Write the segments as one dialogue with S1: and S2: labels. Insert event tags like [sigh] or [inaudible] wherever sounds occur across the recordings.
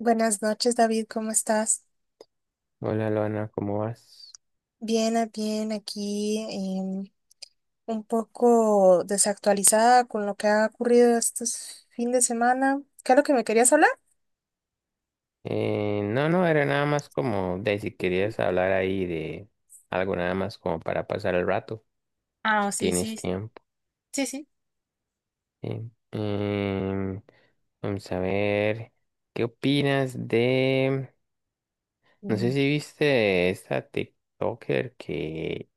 S1: Buenas noches, David, ¿cómo estás?
S2: Hola, Luana, ¿cómo vas?
S1: Bien, bien, aquí un poco desactualizada con lo que ha ocurrido estos fin de semana. ¿Qué es lo que me querías hablar?
S2: No, no, era nada más como de si querías hablar ahí de algo nada más como para pasar el rato, si
S1: Ah, sí,
S2: tienes
S1: sí,
S2: tiempo.
S1: sí, sí.
S2: ¿Sí? Em, Vamos a ver, ¿qué opinas de... No sé
S1: Aquí.
S2: si viste esta TikToker que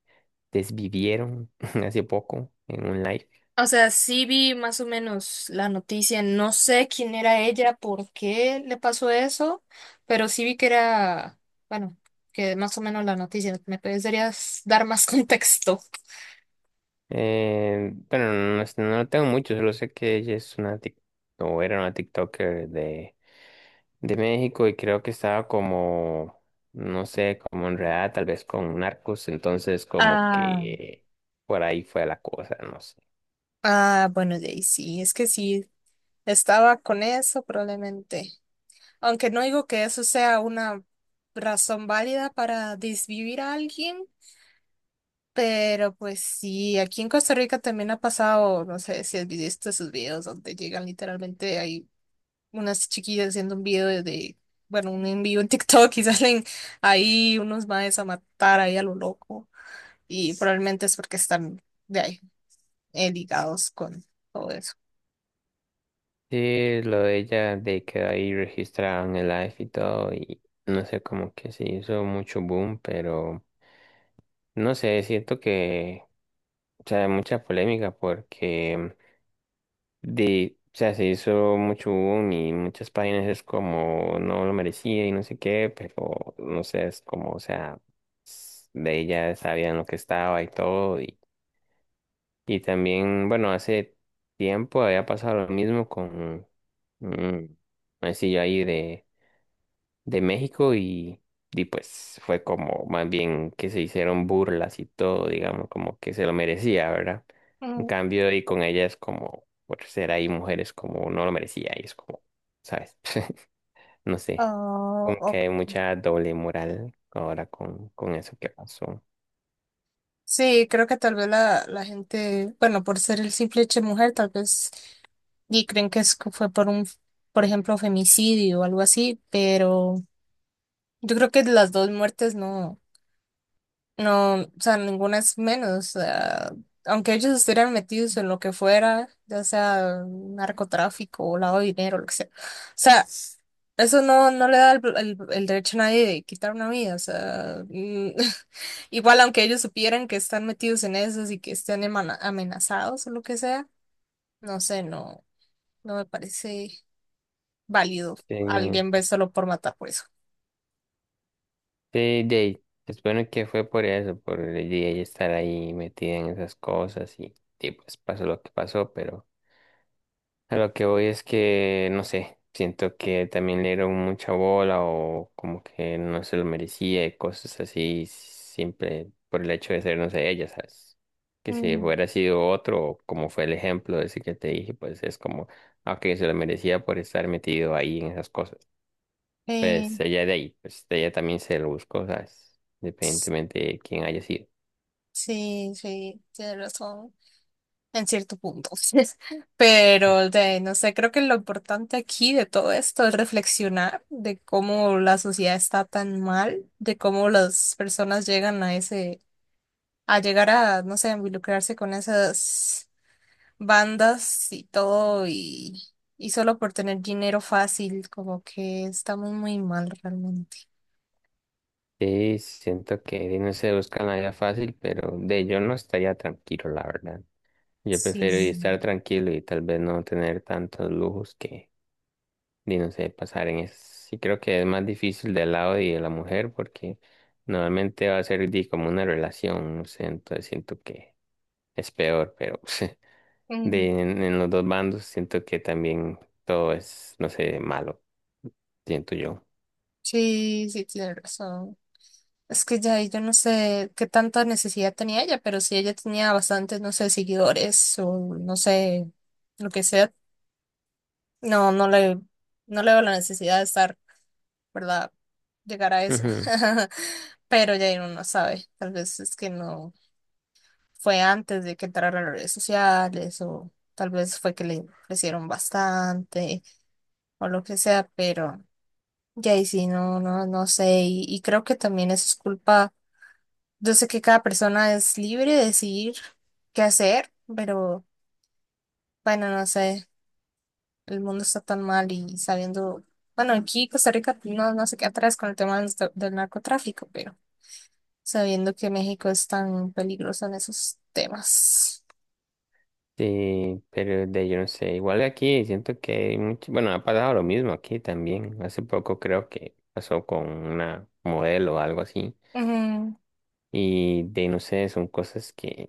S2: desvivieron [laughs] hace poco en un live.
S1: O sea, sí vi más o menos la noticia. No sé quién era ella, por qué le pasó eso, pero sí vi que era, bueno, que más o menos la noticia. ¿Me podrías dar más [laughs] contexto?
S2: Bueno, no, no tengo mucho, solo sé que ella es una o era una TikToker de México y creo que estaba como, no sé, como enredada tal vez con narcos, entonces como
S1: Ah,
S2: que por ahí fue la cosa, no sé.
S1: ah, bueno, de ahí sí, es que sí. Estaba con eso probablemente. Aunque no digo que eso sea una razón válida para desvivir a alguien, pero pues sí, aquí en Costa Rica también ha pasado, no sé si has visto esos videos donde llegan literalmente, hay unas chiquillas haciendo un video bueno, un envío en TikTok y [laughs] salen ahí unos maes a matar ahí a lo loco. Y probablemente es porque están de ahí, ligados con todo eso.
S2: Sí, lo de ella, de que ahí registraban el live y todo, y no sé, como que se hizo mucho boom, pero no sé, siento que, o sea, hay mucha polémica porque... de, o sea, se hizo mucho boom y muchas páginas es como no lo merecía y no sé qué, pero no sé, es como, o sea, de ella sabían lo que estaba y todo. Y también, bueno, hace tiempo había pasado lo mismo con un sencillo ahí de México y pues fue como más bien que se hicieron burlas y todo, digamos, como que se lo merecía, ¿verdad? En
S1: Mm,
S2: cambio, y con ellas como, por ser ahí mujeres como no lo merecía, y es como, ¿sabes? [laughs] No sé,
S1: ah,
S2: como que hay mucha doble moral ahora con eso que pasó.
S1: sí, creo que tal vez la gente, bueno, por ser el simple hecho de mujer, tal vez y creen que es, que fue por un, por ejemplo, femicidio o algo así, pero yo creo que las dos muertes no. No, o sea, ninguna es menos. O sea, aunque ellos estuvieran metidos en lo que fuera, ya sea narcotráfico o lavado de dinero, lo que sea. O sea, eso no, no le da el derecho a nadie de quitar una vida. O sea, mm, [laughs] igual aunque ellos supieran que están metidos en eso y que estén amenazados o lo que sea, no sé, no, no me parece válido.
S2: Sí,
S1: Alguien ve solo por matar por eso.
S2: sí, de ahí, se supone que fue por eso, por el día y estar ahí metida en esas cosas y pues pasó lo que pasó, pero... A lo que voy es que, no sé, siento que también le dieron mucha bola o como que no se lo merecía y cosas así, siempre por el hecho de ser, no sé, ella, ¿sabes? Que si
S1: Mm.
S2: hubiera sido otro, como fue el ejemplo ese que te dije, pues es como, aunque se lo merecía por estar metido ahí en esas cosas. Pues
S1: Eh,
S2: ella de ahí, pues ella también se lo buscó, ¿sabes?
S1: s-
S2: Independientemente de quién haya sido.
S1: sí, sí, tienes razón. En cierto punto. [laughs] Pero de, no sé, creo que lo importante aquí de todo esto es reflexionar de cómo la sociedad está tan mal, de cómo las personas llegan a ese a llegar a, no sé, involucrarse con esas bandas y todo y solo por tener dinero fácil, como que estamos muy mal realmente.
S2: Sí, siento que no se buscan la vida fácil, pero de yo no estaría tranquilo, la verdad. Yo prefiero y
S1: Sí.
S2: estar tranquilo y tal vez no tener tantos lujos que, ni no sé, pasar en eso. Sí creo que es más difícil del lado y de la mujer porque normalmente va a ser di, como una relación, no sé, entonces siento que es peor, pero [laughs] de,
S1: Mm.
S2: en los dos bandos siento que también todo es, no sé, malo, siento yo.
S1: Sí, sí, tiene razón. Es que ya yo no sé qué tanta necesidad tenía ella, pero si ella tenía bastantes, no sé, seguidores o no sé, lo que sea, no, no le, no le veo la necesidad de estar. ¿Verdad? Llegar a eso. [laughs] Pero ya uno no sabe. Tal vez es que no fue antes de que entrara a las redes sociales o tal vez fue que le ofrecieron bastante o lo que sea, pero ya ahí sí, no, no, no sé. Y creo que también eso es culpa. Yo sé que cada persona es libre de decidir qué hacer, pero bueno, no sé. El mundo está tan mal y sabiendo, bueno, aquí Costa Rica no, no se queda atrás con el tema del narcotráfico, pero sabiendo que México es tan peligroso en esos temas.
S2: Sí, pero de yo no sé, igual aquí siento que hay mucho, bueno, ha pasado lo mismo aquí también. Hace poco creo que pasó con una modelo o algo así.
S1: Ujú,
S2: Y de no sé, son cosas que,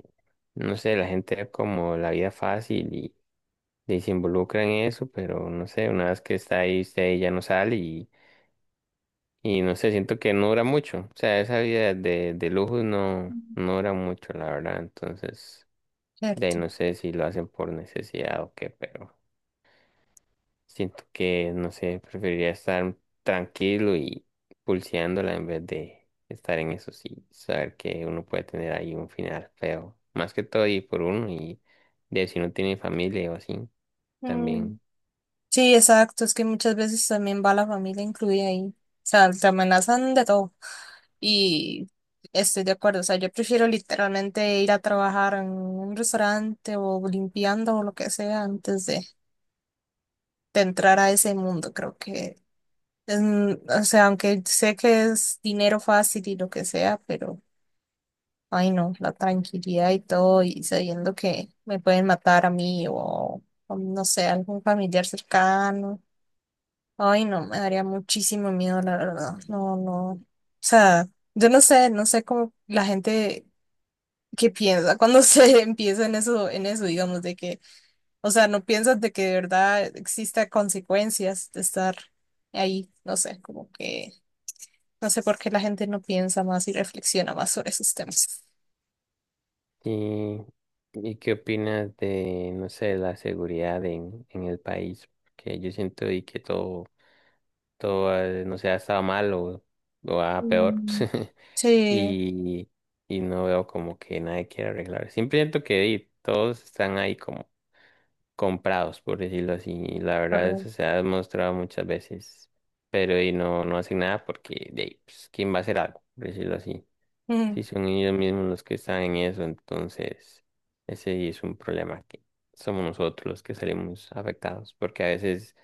S2: no sé, la gente ve como la vida fácil y se involucra en eso, pero no sé, una vez que está ahí, usted ya no sale y no sé, siento que no dura mucho. O sea, esa vida de lujos no, no dura mucho, la verdad. Entonces, de ahí
S1: cierto.
S2: no sé si lo hacen por necesidad o qué, pero. Siento que, no sé, preferiría estar tranquilo y pulseándola en vez de estar en eso, sí, saber que uno puede tener ahí un final feo, más que todo y por uno y de si no tiene familia o así,
S1: Mm.
S2: también.
S1: Sí, exacto, es que muchas veces también va la familia incluida ahí. O sea, te amenazan de todo. Y estoy de acuerdo, o sea, yo prefiero literalmente ir a trabajar en un restaurante o limpiando o lo que sea antes de entrar a ese mundo. Creo que, es, mm, o sea, aunque sé que es dinero fácil y lo que sea, pero ay, no, la tranquilidad y todo, y sabiendo que me pueden matar a mí o no sé, algún familiar cercano. Ay, no, me daría muchísimo miedo, la verdad. No, no. O sea, yo no sé, no sé cómo la gente que piensa cuando [laughs] se empieza en eso, digamos, de que, o sea, no piensas de que de verdad exista consecuencias de estar ahí. No sé, como que, no sé por qué la gente no piensa más y reflexiona más sobre esos temas.
S2: ¿Y, y qué opinas de, no sé, la seguridad en el país? Porque yo siento y que todo todo, no sé, ha estado mal o a peor.
S1: Mm.
S2: [laughs]
S1: Sí.
S2: Y, y no veo como que nadie quiera arreglar. Siempre siento que y, todos están ahí como comprados, por decirlo así. Y la verdad, eso
S1: Correcto.
S2: se ha demostrado muchas veces. Pero y no, no hacen nada porque, de, ahí, pues, ¿quién va a hacer algo? Por decirlo así.
S1: Mm,
S2: Si son ellos mismos los que están en eso, entonces ese sí es un problema que somos nosotros los que salimos afectados. Porque a veces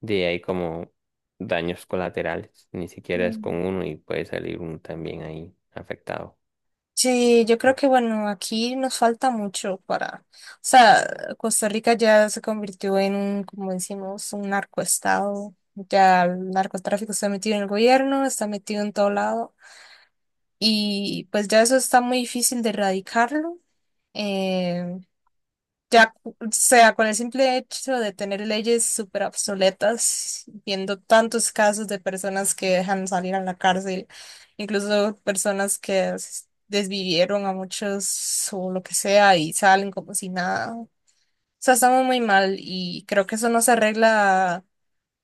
S2: de ahí como daños colaterales, ni siquiera es con
S1: mm.
S2: uno y puede salir uno también ahí afectado.
S1: Sí, yo creo que bueno, aquí nos falta mucho para, o sea, Costa Rica ya se convirtió en un, como decimos, un narcoestado. Ya el narcotráfico está metido en el gobierno, está metido en todo lado y pues ya eso está muy difícil de erradicarlo. Eh, Ya, o sea, con el simple hecho de tener leyes súper obsoletas, viendo tantos casos de personas que dejan salir a la cárcel, incluso personas que desvivieron a muchos o lo que sea y salen como si nada. O sea, estamos muy mal y creo que eso no se arregla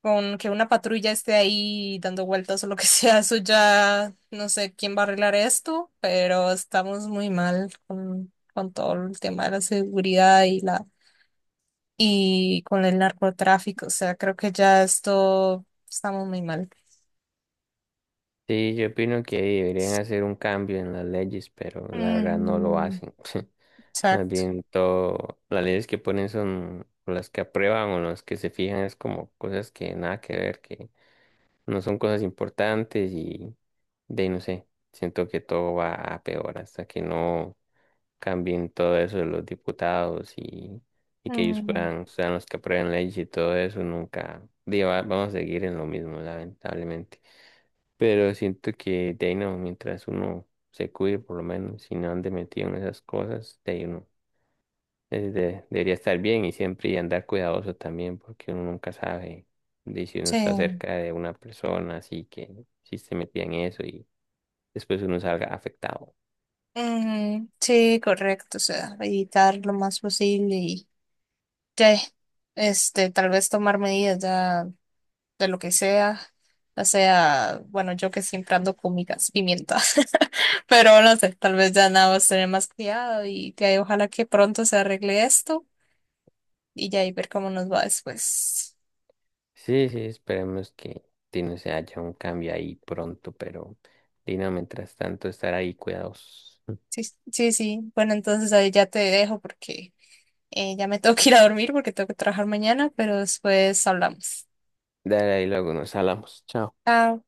S1: con que una patrulla esté ahí dando vueltas o lo que [laughs] sea. Eso ya no sé quién va a arreglar esto, pero estamos muy mal con todo el tema de la seguridad y la y con el narcotráfico. O sea, creo que ya esto estamos muy mal.
S2: Sí, yo opino que ahí deberían hacer un cambio en las leyes, pero la verdad no lo
S1: Mm,
S2: hacen. [laughs] Más
S1: exacto.
S2: bien todo, las leyes que ponen son o las que aprueban o las que se fijan es como cosas que nada que ver, que no son cosas importantes y de ahí no sé, siento que todo va a peor hasta que no cambien todo eso de los diputados y que ellos
S1: Mm,
S2: puedan, sean los que aprueben leyes y todo eso, nunca, digo, vamos a seguir en lo mismo, lamentablemente. Pero siento que de ahí no, mientras uno se cuide por lo menos y no ande metido en esas cosas, de ahí uno debería estar bien y siempre y andar cuidadoso también, porque uno nunca sabe de si uno está
S1: sí.
S2: cerca de una persona, así que si se metía en eso y después uno salga afectado.
S1: Mm, sí, correcto. O sea, evitar lo más posible y ya, este, tal vez tomar medidas ya de lo que sea. O sea, bueno, yo que siempre ando con mi gas pimienta, [laughs] pero no sé, tal vez ya nada más tener más cuidado y ya, ojalá que pronto se arregle esto y ya y ver cómo nos va después.
S2: Sí, sí, esperemos que sí, no se haya un cambio ahí pronto, pero Dino, mientras tanto, estar ahí cuidadosos.
S1: Sí, sí, sí. Bueno, entonces ahí ya te dejo porque ya me [laughs] tengo que ir a dormir porque tengo que trabajar mañana, pero después hablamos.
S2: Dale ahí, luego nos hablamos. Chao.
S1: Chao.